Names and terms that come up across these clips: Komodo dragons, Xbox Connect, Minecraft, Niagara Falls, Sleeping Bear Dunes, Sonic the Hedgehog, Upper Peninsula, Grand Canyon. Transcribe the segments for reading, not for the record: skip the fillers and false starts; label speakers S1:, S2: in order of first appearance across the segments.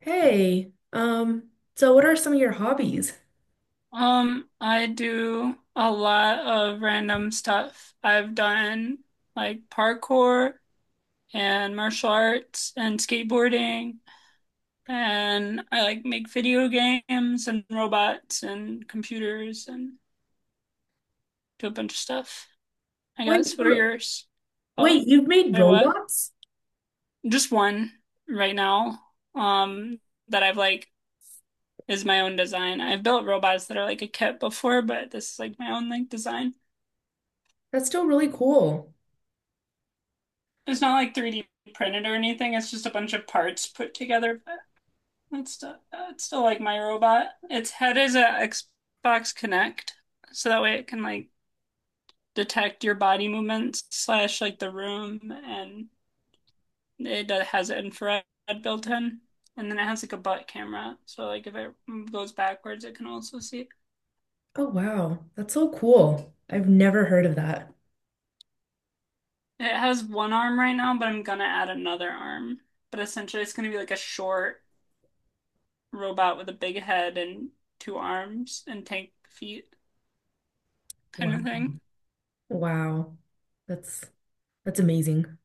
S1: Hey, so what are some of your hobbies?
S2: I do a lot of random stuff. I've done like parkour and martial arts and skateboarding, and I like make video games and robots and computers and do a bunch of stuff, I
S1: Wait,
S2: guess. What are
S1: so-
S2: yours? Oh,
S1: wait, you've made
S2: wait, what?
S1: robots?
S2: Just one right now. Um, that I've like is my own design. I've built robots that are like a kit before, but this is like my own like design.
S1: That's still really cool.
S2: It's not like 3D printed or anything. It's just a bunch of parts put together. But it's still like my robot. Its head is a Xbox Connect, so that way it can like detect your body movements slash like the room, and it has infrared built in. And then it has like a butt camera, so like if it goes backwards, it can also see.
S1: Oh wow, that's so cool. I've never heard of that.
S2: It has one arm right now, but I'm gonna add another arm. But essentially, it's gonna be like a short robot with a big head and two arms and tank feet kind of
S1: Wow.
S2: thing.
S1: Wow. That's that's amazing.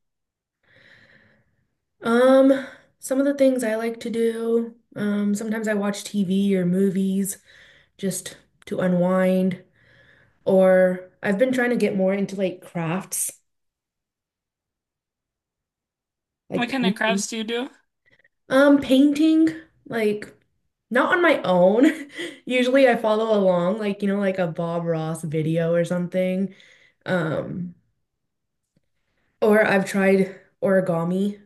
S1: Um, some of the things I like to do, sometimes I watch TV or movies just to unwind, or I've been trying to get more into like crafts, like
S2: What kind of
S1: painting.
S2: crafts do you do? Well,
S1: Painting, like not on my own. Usually I follow along, like, you know, like a Bob Ross video or something. Um, or I've tried origami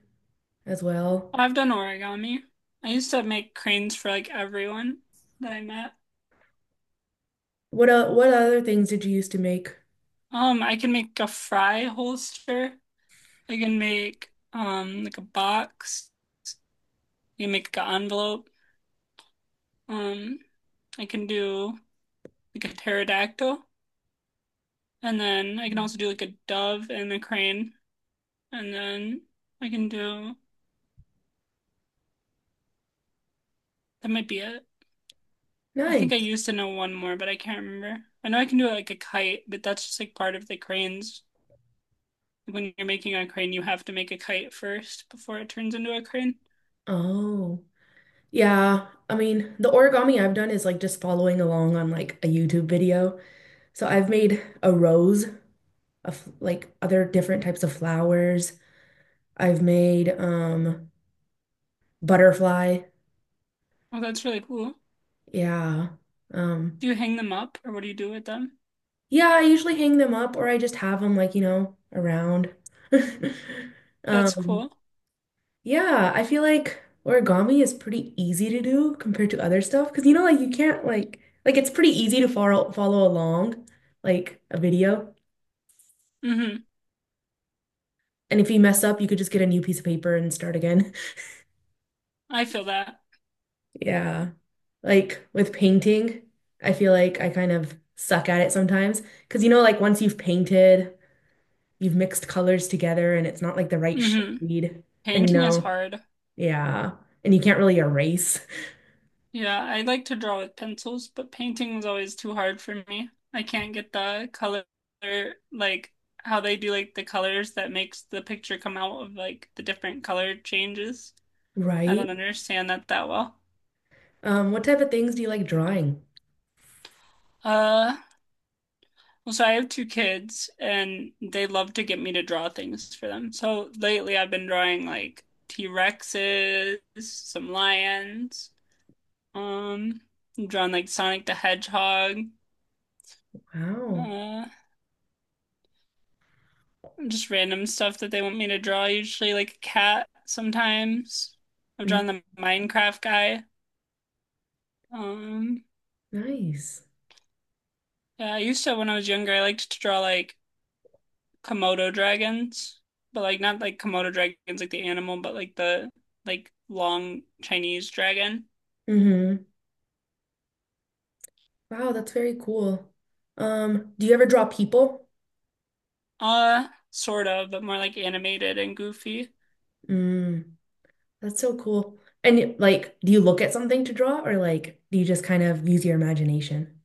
S1: as well.
S2: I've done origami. I used to make cranes for like everyone that I met.
S1: What other things did you used to make?
S2: I can make a fry holster. I can make like a box. I can make an envelope. Um, I can do like a pterodactyl, and then I can also do like a dove and a crane, and then I can do that might be it. I think I
S1: Nice.
S2: used to know one more, but I can't remember. I know I can do like a kite, but that's just like part of the cranes. When you're making a crane, you have to make a kite first before it turns into a crane.
S1: Oh, yeah. I mean, the origami I've done is like just following along on like a YouTube video. So I've made a rose of like other different types of flowers. I've made butterfly.
S2: Oh, that's really cool.
S1: Yeah. Um,
S2: Do you hang them up or what do you do with them?
S1: yeah, I usually hang them up or I just have them like, you know, around.
S2: That's
S1: Um,
S2: cool.
S1: yeah, I feel like origami is pretty easy to do compared to other stuff because you know, like you can't like it's pretty easy to follow along like a video.
S2: Mm-hmm.
S1: And if you mess up, you could just get a new piece of paper and start again.
S2: I feel that.
S1: Yeah. Like with painting, I feel like I kind of suck at it sometimes because you know, like once you've painted you've mixed colors together and it's not like the right
S2: Mm-hmm.
S1: shade. And you
S2: Painting is
S1: know,
S2: hard.
S1: yeah. And you can't really erase,
S2: Yeah, I like to draw with pencils, but painting is always too hard for me. I can't get the color, like how they do like the colors that makes the picture come out of like the different color changes. I
S1: right?
S2: don't understand that that well.
S1: What type of things do you like drawing?
S2: Uh, well, so I have two kids, and they love to get me to draw things for them. So lately, I've been drawing like T-Rexes, some lions, um, I'm drawing like Sonic the Hedgehog,
S1: Wow.
S2: uh, just random stuff that they want me to draw. Usually, like a cat. Sometimes I've
S1: Mm,
S2: drawn the Minecraft guy. Um,
S1: nice.
S2: yeah, I used to when I was younger. I liked to draw like Komodo dragons, but like not like Komodo dragons like the animal, but like the like long Chinese dragon.
S1: Mm-hmm. Wow, that's very cool. Do you ever draw people?
S2: Sort of, but more like animated and goofy.
S1: Mm. That's so cool. And like, do you look at something to draw or like do you just kind of use your imagination?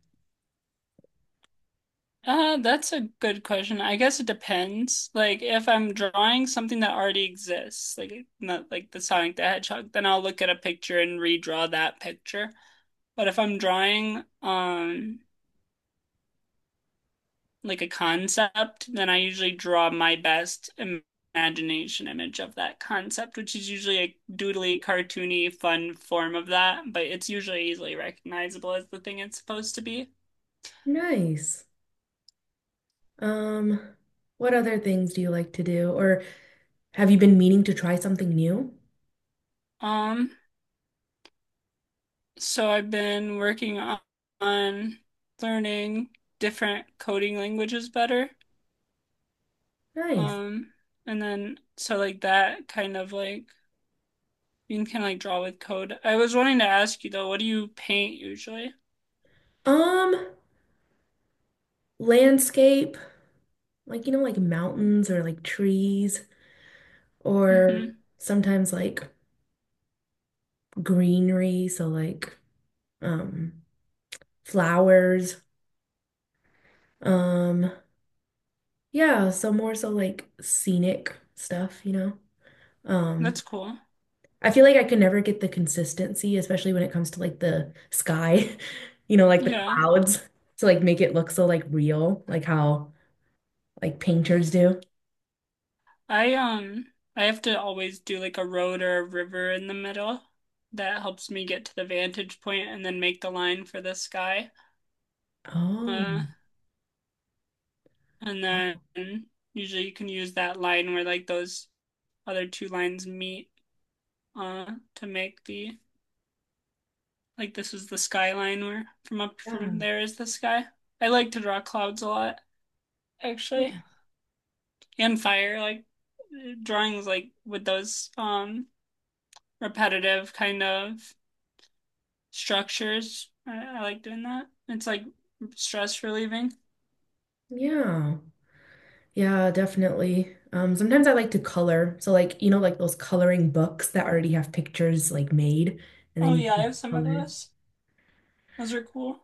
S2: That's a good question. I guess it depends. Like if I'm drawing something that already exists, like not like the Sonic the Hedgehog, then I'll look at a picture and redraw that picture. But if I'm drawing like a concept, then I usually draw my best imagination image of that concept, which is usually a doodly, cartoony, fun form of that, but it's usually easily recognizable as the thing it's supposed to be.
S1: Nice. Um, what other things do you like to do or have you been meaning to try something new?
S2: Um, so I've been working on learning different coding languages better.
S1: Nice.
S2: Um, and then so like that kind of like you can kind of like draw with code. I was wanting to ask you though, what do you paint usually?
S1: Um, landscape. Like you know like mountains or like trees or
S2: Hmm.
S1: sometimes like greenery, so like um flowers. um yeah, so more so like scenic stuff, you know. um
S2: That's cool.
S1: I feel like I could never get the consistency, especially when it comes to like the sky, you know, like the
S2: Yeah.
S1: clouds, to like make it look so like real, like how like painters do.
S2: I um I have to always do like a road or a river in the middle. That helps me get to the vantage point and then make the line for the sky.
S1: Oh,
S2: Uh, and then usually you can use that line where like those other two lines meet uh to make the like this is the skyline where from up
S1: yeah.
S2: from there is the sky. I like to draw clouds a lot actually and fire like drawings like with those repetitive kind of structures. I like doing that. It's like stress relieving.
S1: Yeah. Yeah, definitely. Sometimes I like to color. So like, you know, like those coloring books that already have pictures like made and then
S2: Oh
S1: you
S2: yeah, I
S1: can
S2: have some of
S1: color.
S2: those. Those are cool.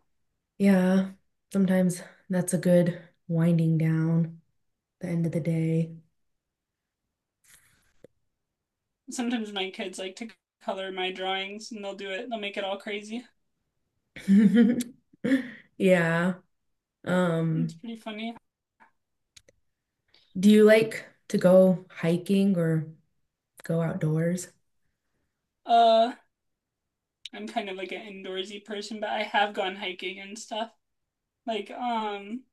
S1: Yeah, sometimes that's a good winding down the end of the day.
S2: Sometimes my kids like to color my drawings and they'll do it. They'll make it all crazy.
S1: Yeah.
S2: It's
S1: Um,
S2: pretty funny.
S1: do you like to go hiking or go outdoors?
S2: Uh, I'm kind of like an indoorsy person, but I have gone hiking and stuff. Like,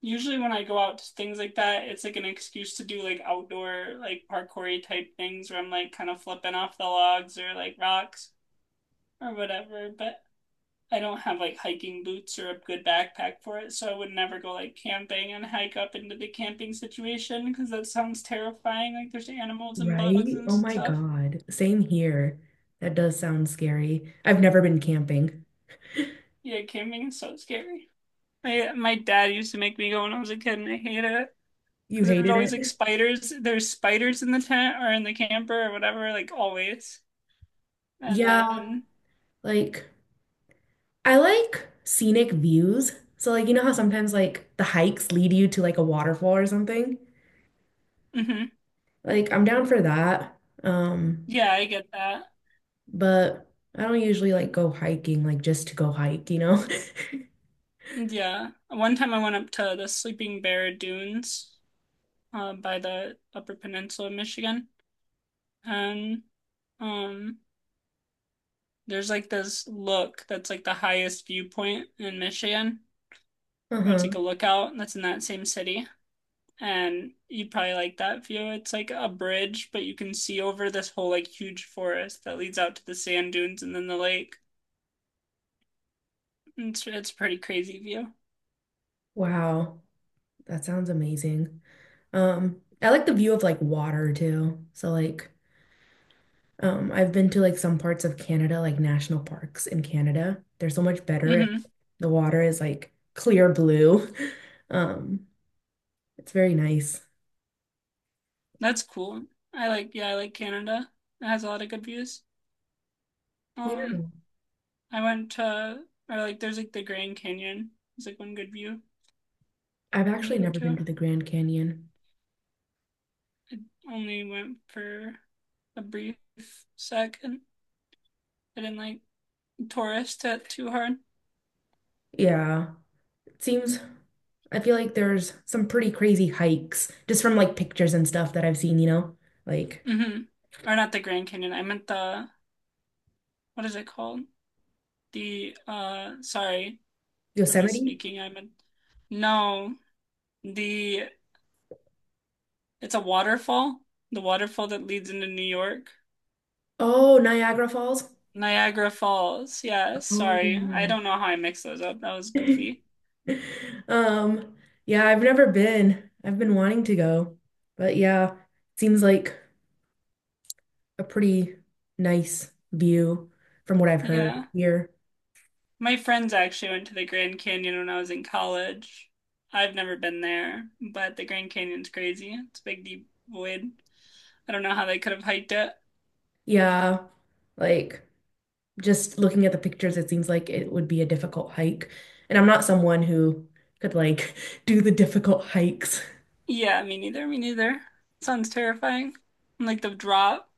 S2: usually when I go out to things like that, it's like an excuse to do like outdoor, like parkoury type things where I'm like kind of flipping off the logs or like rocks or whatever. But I don't have like hiking boots or a good backpack for it, so I would never go like camping and hike up into the camping situation because that sounds terrifying. Like there's animals and bugs
S1: Right?
S2: and
S1: Oh my
S2: stuff.
S1: God. Same here. That does sound scary. I've never been camping.
S2: Yeah, camping is so scary. My dad used to make me go when I was a kid, and I hated it
S1: You
S2: because there was
S1: hated
S2: always like
S1: it?
S2: spiders. There's spiders in the tent or in the camper or whatever, like always. And
S1: Yeah,
S2: then,
S1: like I like scenic views. So like you know how sometimes like the hikes lead you to like a waterfall or something?
S2: hmm.
S1: Like I'm down for that. Um,
S2: Yeah, I get that.
S1: but I don't usually like go hiking like just to go hike, you know?
S2: Yeah, one time I went up to the Sleeping Bear Dunes by the Upper Peninsula of Michigan. And um, there's like this look that's like the highest viewpoint in Michigan. Or it's like
S1: Uh-huh.
S2: a lookout that's in that same city. And you probably like that view. It's like a bridge, but you can see over this whole like huge forest that leads out to the sand dunes and then the lake. It's a pretty crazy view.
S1: Wow. That sounds amazing. I like the view of like water too. So like I've been to like some parts of Canada, like national parks in Canada. They're so much better and
S2: Hmm.
S1: the water is like clear blue. Um it's very nice.
S2: That's cool. I like yeah, I like Canada. It has a lot of good views.
S1: Yeah.
S2: Um, I went to or like there's like the Grand Canyon. It's like one good view
S1: I've
S2: you
S1: actually
S2: can go
S1: never been
S2: to.
S1: to the Grand Canyon.
S2: Only went for a brief second. I didn't like tourist it too hard.
S1: Yeah, it seems, I feel like there's some pretty crazy hikes just from like pictures and stuff that I've seen, you know, like
S2: Hmm. Or not the Grand Canyon. I meant the what is it called? The sorry for
S1: Yosemite?
S2: misspeaking. I meant no, the it's a waterfall. The waterfall that leads into New York.
S1: Oh, Niagara Falls.
S2: Niagara Falls. Yeah, sorry. I
S1: Oh.
S2: don't know how I mixed those up. That was goofy.
S1: Um, yeah, I've never been. I've been wanting to go, but yeah, seems like a pretty nice view from what I've heard
S2: Yeah.
S1: here.
S2: My friends actually went to the Grand Canyon when I was in college. I've never been there, but the Grand Canyon's crazy. It's a big, deep void. I don't know how they could have hiked it.
S1: Yeah, like just looking at the pictures, it seems like it would be a difficult hike. And I'm not someone who could like do the difficult hikes.
S2: Yeah, me neither. Me neither. Sounds terrifying. And, like the drop.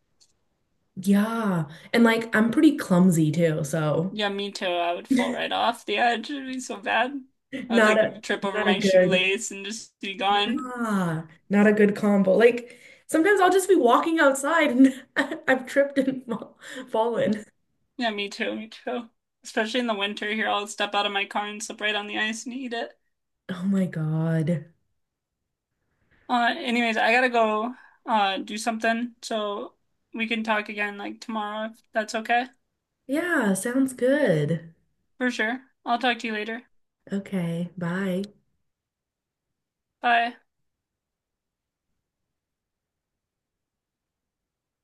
S1: Yeah. And like I'm pretty clumsy too, so
S2: Yeah, me too. I would fall right off the edge. It'd be so bad. I'd
S1: not a
S2: like trip over
S1: not a
S2: my
S1: good
S2: shoelace and just be gone.
S1: ah, not a good combo. Like sometimes I'll just be walking outside and I've tripped and fallen.
S2: Yeah, me too. Me too. Especially in the winter here, I'll step out of my car and slip right on the ice and eat it.
S1: Oh my God.
S2: Anyways, I gotta go do something, so we can talk again like tomorrow if that's okay.
S1: Yeah, sounds good.
S2: For sure. I'll talk to you later.
S1: Okay, bye.
S2: Bye.